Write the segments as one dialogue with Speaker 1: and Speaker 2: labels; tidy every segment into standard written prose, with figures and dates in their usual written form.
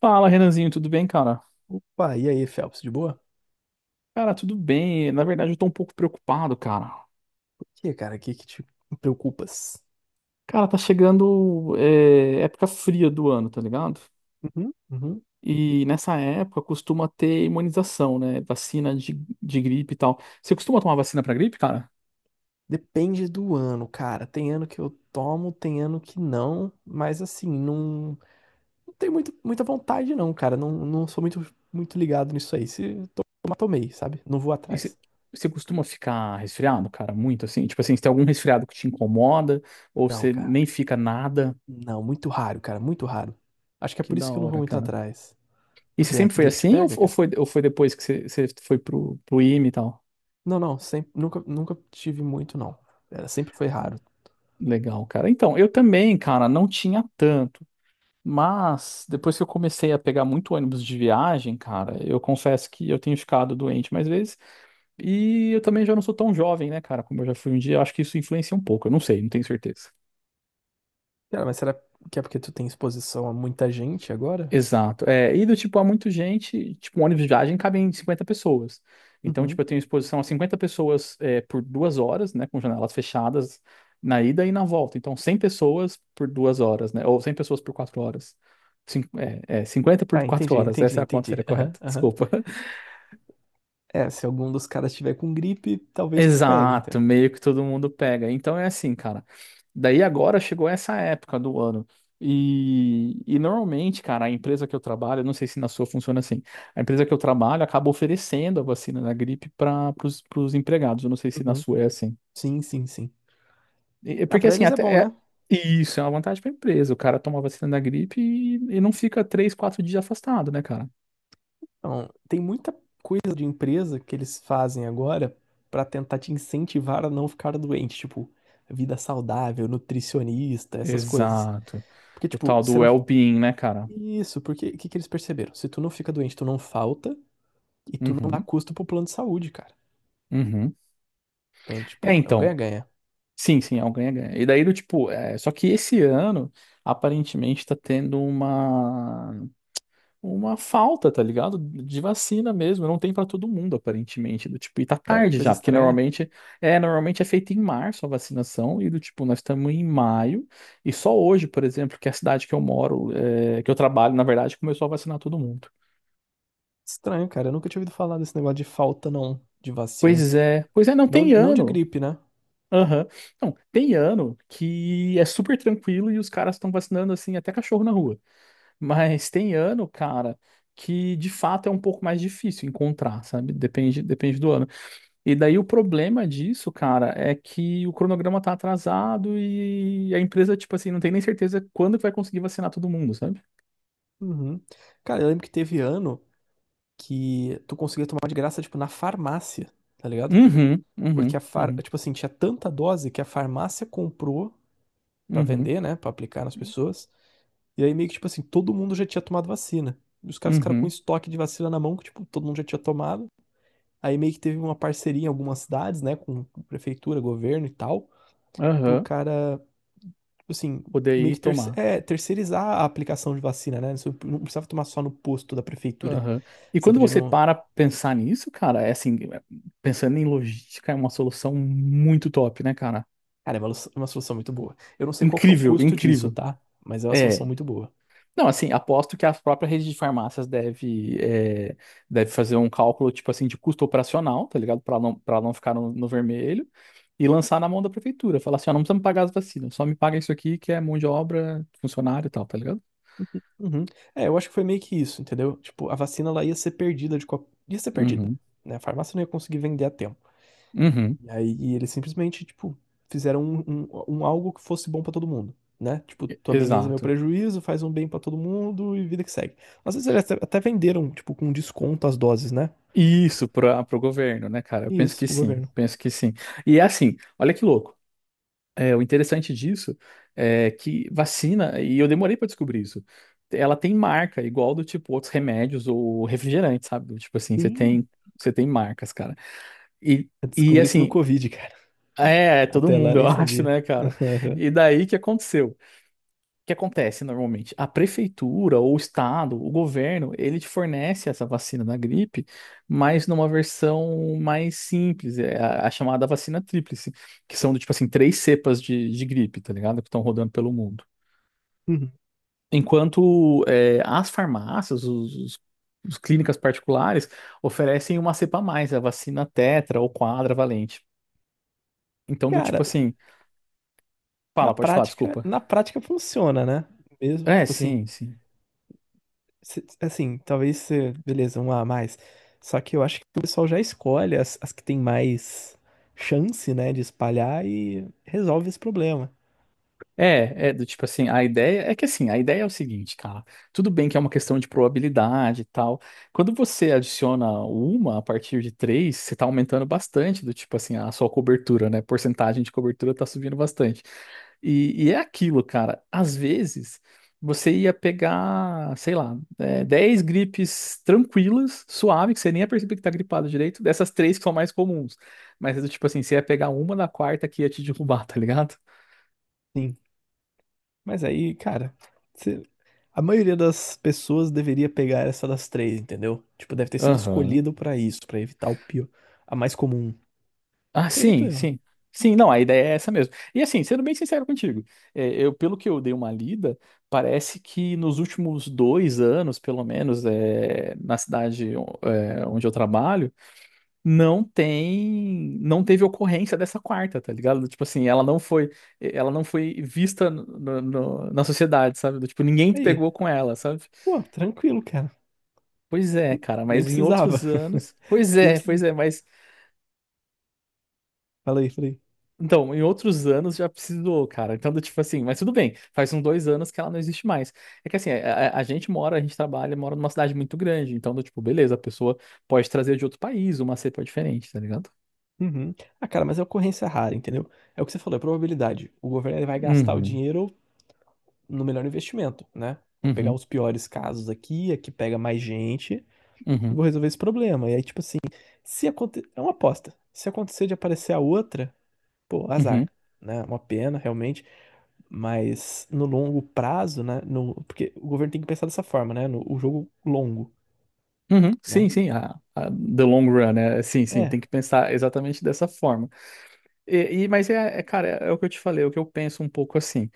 Speaker 1: Fala, Renanzinho, tudo bem, cara?
Speaker 2: Opa, e aí, Phelps, de boa?
Speaker 1: Cara, tudo bem. Na verdade, eu tô um pouco preocupado, cara.
Speaker 2: Por que, cara? O que que te preocupas?
Speaker 1: Cara, tá chegando época fria do ano, tá ligado?
Speaker 2: Uhum, uhum.
Speaker 1: E nessa época costuma ter imunização, né? Vacina de gripe e tal. Você costuma tomar vacina pra gripe, cara?
Speaker 2: Depende do ano, cara. Tem ano que eu tomo, tem ano que não, mas assim, não tenho muito, muita vontade, não, cara. Não sou muito, muito ligado nisso aí. Se tomar, tomei, sabe? Não vou
Speaker 1: E você
Speaker 2: atrás.
Speaker 1: você costuma ficar resfriado, cara? Muito assim? Tipo assim, se tem algum resfriado que te incomoda, ou
Speaker 2: Não,
Speaker 1: você
Speaker 2: cara.
Speaker 1: nem fica nada.
Speaker 2: Não, muito raro, cara. Muito raro. Acho que é
Speaker 1: Que
Speaker 2: por isso
Speaker 1: da
Speaker 2: que eu não vou
Speaker 1: hora,
Speaker 2: muito
Speaker 1: cara.
Speaker 2: atrás.
Speaker 1: E você
Speaker 2: Porque a
Speaker 1: sempre foi
Speaker 2: gripe te
Speaker 1: assim, ou,
Speaker 2: pega,
Speaker 1: ou
Speaker 2: cara?
Speaker 1: foi, ou foi depois que você foi pro IME e tal?
Speaker 2: Não, não. Sempre, nunca tive muito, não. Era, sempre foi raro.
Speaker 1: Legal, cara. Então, eu também, cara, não tinha tanto. Mas depois que eu comecei a pegar muito ônibus de viagem, cara, eu confesso que eu tenho ficado doente mais vezes. E eu também já não sou tão jovem, né, cara, como eu já fui um dia. Eu acho que isso influencia um pouco. Eu não sei, não tenho certeza.
Speaker 2: Cara, mas será que é porque tu tem exposição a muita gente agora?
Speaker 1: Exato. É, e do tipo, há muita gente, tipo, um ônibus de viagem cabe em 50 pessoas. Então,
Speaker 2: Uhum.
Speaker 1: tipo, eu tenho exposição a 50 pessoas por 2 horas, né, com janelas fechadas na ida e na volta. Então, 100 pessoas por 2 horas, né, ou 100 pessoas por 4 horas. 50 por
Speaker 2: Ah,
Speaker 1: quatro horas, essa é a conta que
Speaker 2: entendi.
Speaker 1: seria
Speaker 2: Aham,
Speaker 1: correta,
Speaker 2: aham.
Speaker 1: desculpa.
Speaker 2: É, se algum dos caras tiver com gripe, talvez tu pegue, então.
Speaker 1: Exato, meio que todo mundo pega. Então é assim, cara. Daí agora chegou essa época do ano. E normalmente, cara, a empresa que eu trabalho, eu não sei se na sua funciona assim, a empresa que eu trabalho acaba oferecendo a vacina da gripe para os empregados. Eu não sei se na
Speaker 2: Uhum.
Speaker 1: sua é assim.
Speaker 2: Sim.
Speaker 1: E
Speaker 2: Ah,
Speaker 1: porque
Speaker 2: pra
Speaker 1: assim,
Speaker 2: eles é bom, né?
Speaker 1: isso é uma vantagem para a empresa. O cara toma a vacina da gripe e não fica 3, 4 dias afastado, né, cara?
Speaker 2: Então, tem muita coisa de empresa que eles fazem agora pra tentar te incentivar a não ficar doente, tipo, vida saudável, nutricionista, essas coisas.
Speaker 1: Exato.
Speaker 2: Porque,
Speaker 1: O
Speaker 2: tipo,
Speaker 1: tal do
Speaker 2: você não.
Speaker 1: well-being, né, cara?
Speaker 2: Isso, porque o que que eles perceberam? Se tu não fica doente, tu não falta e tu não dá
Speaker 1: Uhum,
Speaker 2: custo pro plano de saúde, cara.
Speaker 1: uhum.
Speaker 2: Então,
Speaker 1: É,
Speaker 2: tipo, é um
Speaker 1: então.
Speaker 2: ganha-ganha.
Speaker 1: Sim, sim, é um ganha-ganha. E daí, do tipo, só que esse ano, aparentemente, tá tendo uma falta, tá ligado? De vacina mesmo, não tem pra todo mundo, aparentemente, do tipo, e tá
Speaker 2: Sério,
Speaker 1: tarde
Speaker 2: coisa
Speaker 1: já, porque
Speaker 2: estranha.
Speaker 1: normalmente é feito em março a vacinação, e do tipo, nós estamos em maio, e só hoje, por exemplo, que é a cidade que eu moro, que eu trabalho, na verdade, começou a vacinar todo mundo.
Speaker 2: Estranho, cara. Eu nunca tinha ouvido falar desse negócio de falta, não, de vacina.
Speaker 1: Pois é, não
Speaker 2: Não,
Speaker 1: tem
Speaker 2: não de
Speaker 1: ano.
Speaker 2: gripe, né?
Speaker 1: Aham. Não, tem ano que é super tranquilo e os caras estão vacinando assim até cachorro na rua. Mas tem ano, cara, que de fato é um pouco mais difícil encontrar, sabe? Depende, depende do ano. E daí o problema disso, cara, é que o cronograma tá atrasado e a empresa, tipo assim, não tem nem certeza quando que vai conseguir vacinar todo mundo, sabe?
Speaker 2: Uhum. Cara, eu lembro que teve ano que tu conseguia tomar de graça, tipo, na farmácia, tá ligado?
Speaker 1: Uhum,
Speaker 2: Porque
Speaker 1: uhum,
Speaker 2: a far...
Speaker 1: uhum,
Speaker 2: tipo assim, tinha tanta dose que a farmácia comprou pra
Speaker 1: uhum,
Speaker 2: vender, né, pra aplicar nas pessoas. E aí meio que tipo assim, todo mundo já tinha tomado vacina. E os caras ficaram com
Speaker 1: uhum,
Speaker 2: estoque de vacina na mão que tipo, todo mundo já tinha tomado. Aí meio que teve uma parceria em algumas cidades, né, com prefeitura, governo e tal, pro
Speaker 1: aham,
Speaker 2: cara, assim,
Speaker 1: poder
Speaker 2: meio
Speaker 1: ir
Speaker 2: que
Speaker 1: tomar.
Speaker 2: terceirizar a aplicação de vacina, né? Você não precisava tomar só no posto da prefeitura.
Speaker 1: Aham. E
Speaker 2: Você
Speaker 1: quando
Speaker 2: podia
Speaker 1: você
Speaker 2: não.
Speaker 1: para pensar nisso, cara, é assim, pensando em logística, é uma solução muito top, né, cara?
Speaker 2: Cara, é uma, é uma solução muito boa. Eu não sei qual que é o
Speaker 1: Incrível,
Speaker 2: custo disso,
Speaker 1: incrível.
Speaker 2: tá? Mas é uma solução
Speaker 1: É,
Speaker 2: muito boa.
Speaker 1: não, assim, aposto que a própria rede de farmácias deve fazer um cálculo, tipo assim, de custo operacional, tá ligado? Para não ficar no vermelho e lançar na mão da prefeitura. Falar assim, ó, não precisa me pagar as vacinas, só me paga isso aqui que é mão de obra, funcionário e tal, tá ligado?
Speaker 2: Uhum. É, eu acho que foi meio que isso, entendeu? Tipo, a vacina ela ia ser perdida de qual... ia ser perdida,
Speaker 1: Uhum.
Speaker 2: né? A farmácia não ia conseguir vender a tempo.
Speaker 1: Uhum.
Speaker 2: E aí eles simplesmente, tipo, fizeram um, um algo que fosse bom pra todo mundo, né? Tipo, tu ameniza meu
Speaker 1: Exato.
Speaker 2: prejuízo, faz um bem pra todo mundo e vida que segue. Às vezes eles até, até venderam, tipo, com desconto as doses, né?
Speaker 1: Isso para o governo, né, cara? Eu penso
Speaker 2: Isso,
Speaker 1: que
Speaker 2: pro
Speaker 1: sim,
Speaker 2: governo.
Speaker 1: penso que sim. E é assim, olha que louco. É, o interessante disso é que vacina, e eu demorei para descobrir isso, ela tem marca, igual do tipo outros remédios ou refrigerantes, sabe? Do tipo assim, você
Speaker 2: Sim.
Speaker 1: tem, você tem marcas, cara. E,
Speaker 2: Eu
Speaker 1: e
Speaker 2: descobri isso no
Speaker 1: assim,
Speaker 2: Covid, cara.
Speaker 1: é todo
Speaker 2: Até lá eu
Speaker 1: mundo, eu
Speaker 2: nem
Speaker 1: acho,
Speaker 2: sabia.
Speaker 1: né, cara? E daí o que aconteceu? O que acontece normalmente? A prefeitura, ou o estado, o governo, ele te fornece essa vacina da gripe, mas numa versão mais simples, é a chamada vacina tríplice, que são do tipo assim, três cepas de gripe, tá ligado? Que estão rodando pelo mundo.
Speaker 2: Uhum.
Speaker 1: Enquanto as farmácias, os clínicas particulares, oferecem uma cepa a mais, a vacina tetra ou quadra valente. Então, do tipo
Speaker 2: Cara,
Speaker 1: assim,
Speaker 2: na
Speaker 1: fala, pode falar,
Speaker 2: prática,
Speaker 1: desculpa.
Speaker 2: na prática funciona, né? Mesmo,
Speaker 1: É,
Speaker 2: tipo assim,
Speaker 1: sim, sim.
Speaker 2: assim, talvez, beleza, um a mais. Só que eu acho que o pessoal já escolhe as, as que tem mais chance, né, de espalhar e resolve esse problema.
Speaker 1: É do tipo assim, a ideia é que assim, a ideia é o seguinte, cara, tudo bem que é uma questão de probabilidade e tal. Quando você adiciona uma a partir de três, você tá aumentando bastante do tipo assim, a sua cobertura, né? Porcentagem de cobertura tá subindo bastante. E é aquilo, cara, às vezes você ia pegar, sei lá, 10 gripes tranquilas, suave, que você nem ia perceber que tá gripado direito, dessas três que são mais comuns. Mas é do tipo assim, você ia pegar uma na quarta que ia te derrubar, tá ligado?
Speaker 2: Sim. Mas aí, cara, se- a maioria das pessoas deveria pegar essa das três, entendeu? Tipo, deve ter sido
Speaker 1: Aham.
Speaker 2: escolhido pra isso, pra evitar o pior, a mais comum.
Speaker 1: Ah,
Speaker 2: Acredito
Speaker 1: sim,
Speaker 2: eu, né?
Speaker 1: sim. Sim, não, a ideia é essa mesmo. E assim, sendo bem sincero contigo, pelo que eu dei uma lida, parece que nos últimos 2 anos, pelo menos, na cidade, onde eu trabalho, não teve ocorrência dessa quarta, tá ligado? Tipo assim, ela não foi vista na sociedade, sabe? Do tipo, ninguém
Speaker 2: Aí,
Speaker 1: pegou com ela, sabe?
Speaker 2: pô, tranquilo, cara.
Speaker 1: Pois é, cara,
Speaker 2: Nem
Speaker 1: mas em
Speaker 2: precisava.
Speaker 1: outros anos, pois
Speaker 2: Nem
Speaker 1: é, pois
Speaker 2: precisava.
Speaker 1: é. mas
Speaker 2: Fala aí, fala aí.
Speaker 1: Então, em outros anos já precisou, cara. Então, do tipo assim, mas tudo bem, faz uns 2 anos que ela não existe mais. É que assim, a gente mora, a gente trabalha, mora numa cidade muito grande, então, do tipo, beleza, a pessoa pode trazer de outro país uma cepa diferente, tá ligado?
Speaker 2: Uhum. Ah, cara, mas é ocorrência rara, entendeu? É o que você falou, é probabilidade. O governo ele vai gastar o
Speaker 1: Uhum,
Speaker 2: dinheiro no melhor investimento, né? Vou pegar
Speaker 1: uhum,
Speaker 2: os piores casos aqui, aqui pega mais gente e
Speaker 1: uhum,
Speaker 2: vou resolver esse problema. E aí, tipo assim, se acontecer. É uma aposta. Se acontecer de aparecer a outra, pô,
Speaker 1: uhum,
Speaker 2: azar, né? É uma pena, realmente. Mas no longo prazo, né? No... Porque o governo tem que pensar dessa forma, né? No... O jogo longo,
Speaker 1: uhum. Sim,
Speaker 2: né?
Speaker 1: sim, the long run, né? Sim, sim,
Speaker 2: É,
Speaker 1: tem que pensar exatamente dessa forma. Mas cara, o que eu te falei é o que eu penso um pouco assim.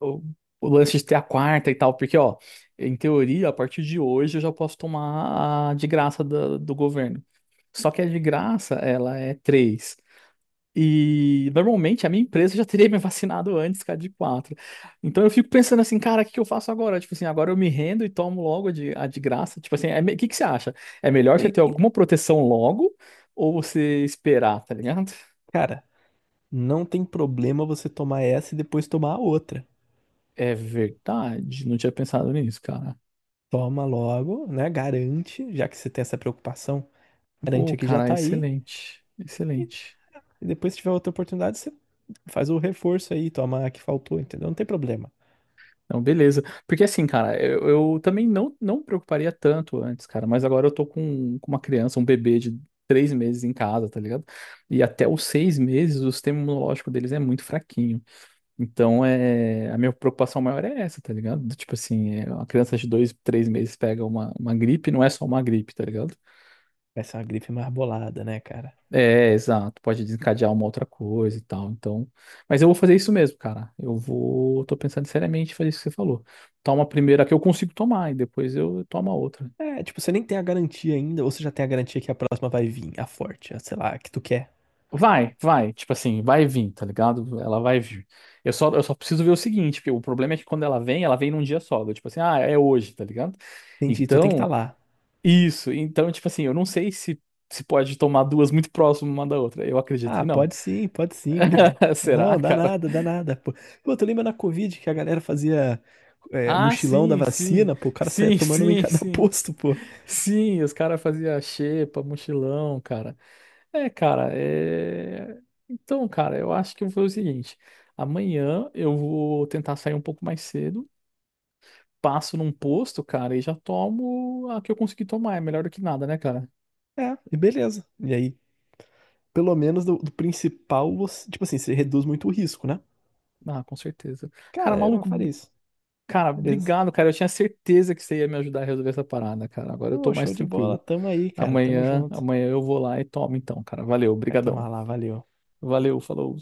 Speaker 1: o, o lance de ter a quarta e tal, porque, ó, em teoria, a partir de hoje eu já posso tomar a de graça do governo. Só que a de graça, ela é três. E normalmente a minha empresa já teria me vacinado antes que a de quatro. Então eu fico pensando assim, cara, o que que eu faço agora? Tipo assim, agora eu me rendo e tomo logo a de graça. Tipo assim, o que que você acha? É melhor você
Speaker 2: tem.
Speaker 1: ter alguma proteção logo ou você esperar, tá ligado?
Speaker 2: Cara, não tem problema você tomar essa e depois tomar a outra.
Speaker 1: É verdade, não tinha pensado nisso, cara.
Speaker 2: Toma logo, né? Garante, já que você tem essa preocupação, garante
Speaker 1: Pô,
Speaker 2: aqui já
Speaker 1: cara,
Speaker 2: tá aí.
Speaker 1: excelente,
Speaker 2: E
Speaker 1: excelente.
Speaker 2: e depois, se tiver outra oportunidade, você faz o reforço aí, toma a que faltou, entendeu? Não tem problema.
Speaker 1: Não, beleza. Porque assim, cara, eu também não me preocuparia tanto antes, cara, mas agora eu tô com uma criança, um bebê de 3 meses em casa, tá ligado? E até os 6 meses o sistema imunológico deles é muito fraquinho. Então, a minha preocupação maior é essa, tá ligado? Do tipo assim, uma criança de 2, 3 meses pega uma gripe, não é só uma gripe, tá ligado?
Speaker 2: Vai ser uma gripe marbolada, né, cara?
Speaker 1: É, exato. Pode desencadear uma outra coisa e tal. Então, mas eu vou fazer isso mesmo, cara. Tô pensando seriamente em fazer isso que você falou. Toma a primeira que eu consigo tomar e depois eu tomo a outra.
Speaker 2: É, tipo, você nem tem a garantia ainda, ou você já tem a garantia que a próxima vai vir, a forte, a, sei lá, a que tu quer.
Speaker 1: Vai, vai, tipo assim, vai vir, tá ligado? Ela vai vir. Eu só preciso ver o seguinte, porque o problema é que quando ela vem num dia só. Eu, tipo assim, ah, é hoje, tá ligado?
Speaker 2: Entendi, tu tem que estar
Speaker 1: Então,
Speaker 2: lá.
Speaker 1: isso. Então, tipo assim, eu não sei se pode tomar duas muito próximas uma da outra. Eu acredito
Speaker 2: Ah,
Speaker 1: que não.
Speaker 2: pode sim, cara.
Speaker 1: Será,
Speaker 2: Não, dá
Speaker 1: cara?
Speaker 2: nada, dá nada. Pô, tu lembra na Covid que a galera fazia
Speaker 1: Ah,
Speaker 2: mochilão da
Speaker 1: sim, sim.
Speaker 2: vacina, pô, o cara saía
Speaker 1: Sim,
Speaker 2: tomando uma em
Speaker 1: sim,
Speaker 2: cada
Speaker 1: sim.
Speaker 2: posto, pô.
Speaker 1: Sim, os caras faziam xepa, mochilão, cara. É, cara, é. Então, cara, eu acho que eu vou fazer o seguinte: amanhã eu vou tentar sair um pouco mais cedo, passo num posto, cara, e já tomo a que eu consegui tomar. É melhor do que nada, né, cara?
Speaker 2: É, e beleza. E aí, pelo menos do, do principal, você- tipo assim, você reduz muito o risco, né?
Speaker 1: Ah, com certeza. Cara,
Speaker 2: Cara, eu
Speaker 1: maluco,
Speaker 2: faria isso.
Speaker 1: cara,
Speaker 2: Beleza.
Speaker 1: obrigado, cara. Eu tinha certeza que você ia me ajudar a resolver essa parada, cara. Agora eu
Speaker 2: Pô,
Speaker 1: tô mais
Speaker 2: show de bola.
Speaker 1: tranquilo.
Speaker 2: Tamo aí, cara. Tamo
Speaker 1: Amanhã,
Speaker 2: junto.
Speaker 1: amanhã eu vou lá e tomo, então, cara. Valeu,
Speaker 2: Vai
Speaker 1: brigadão.
Speaker 2: tomar lá, valeu.
Speaker 1: Valeu, falou.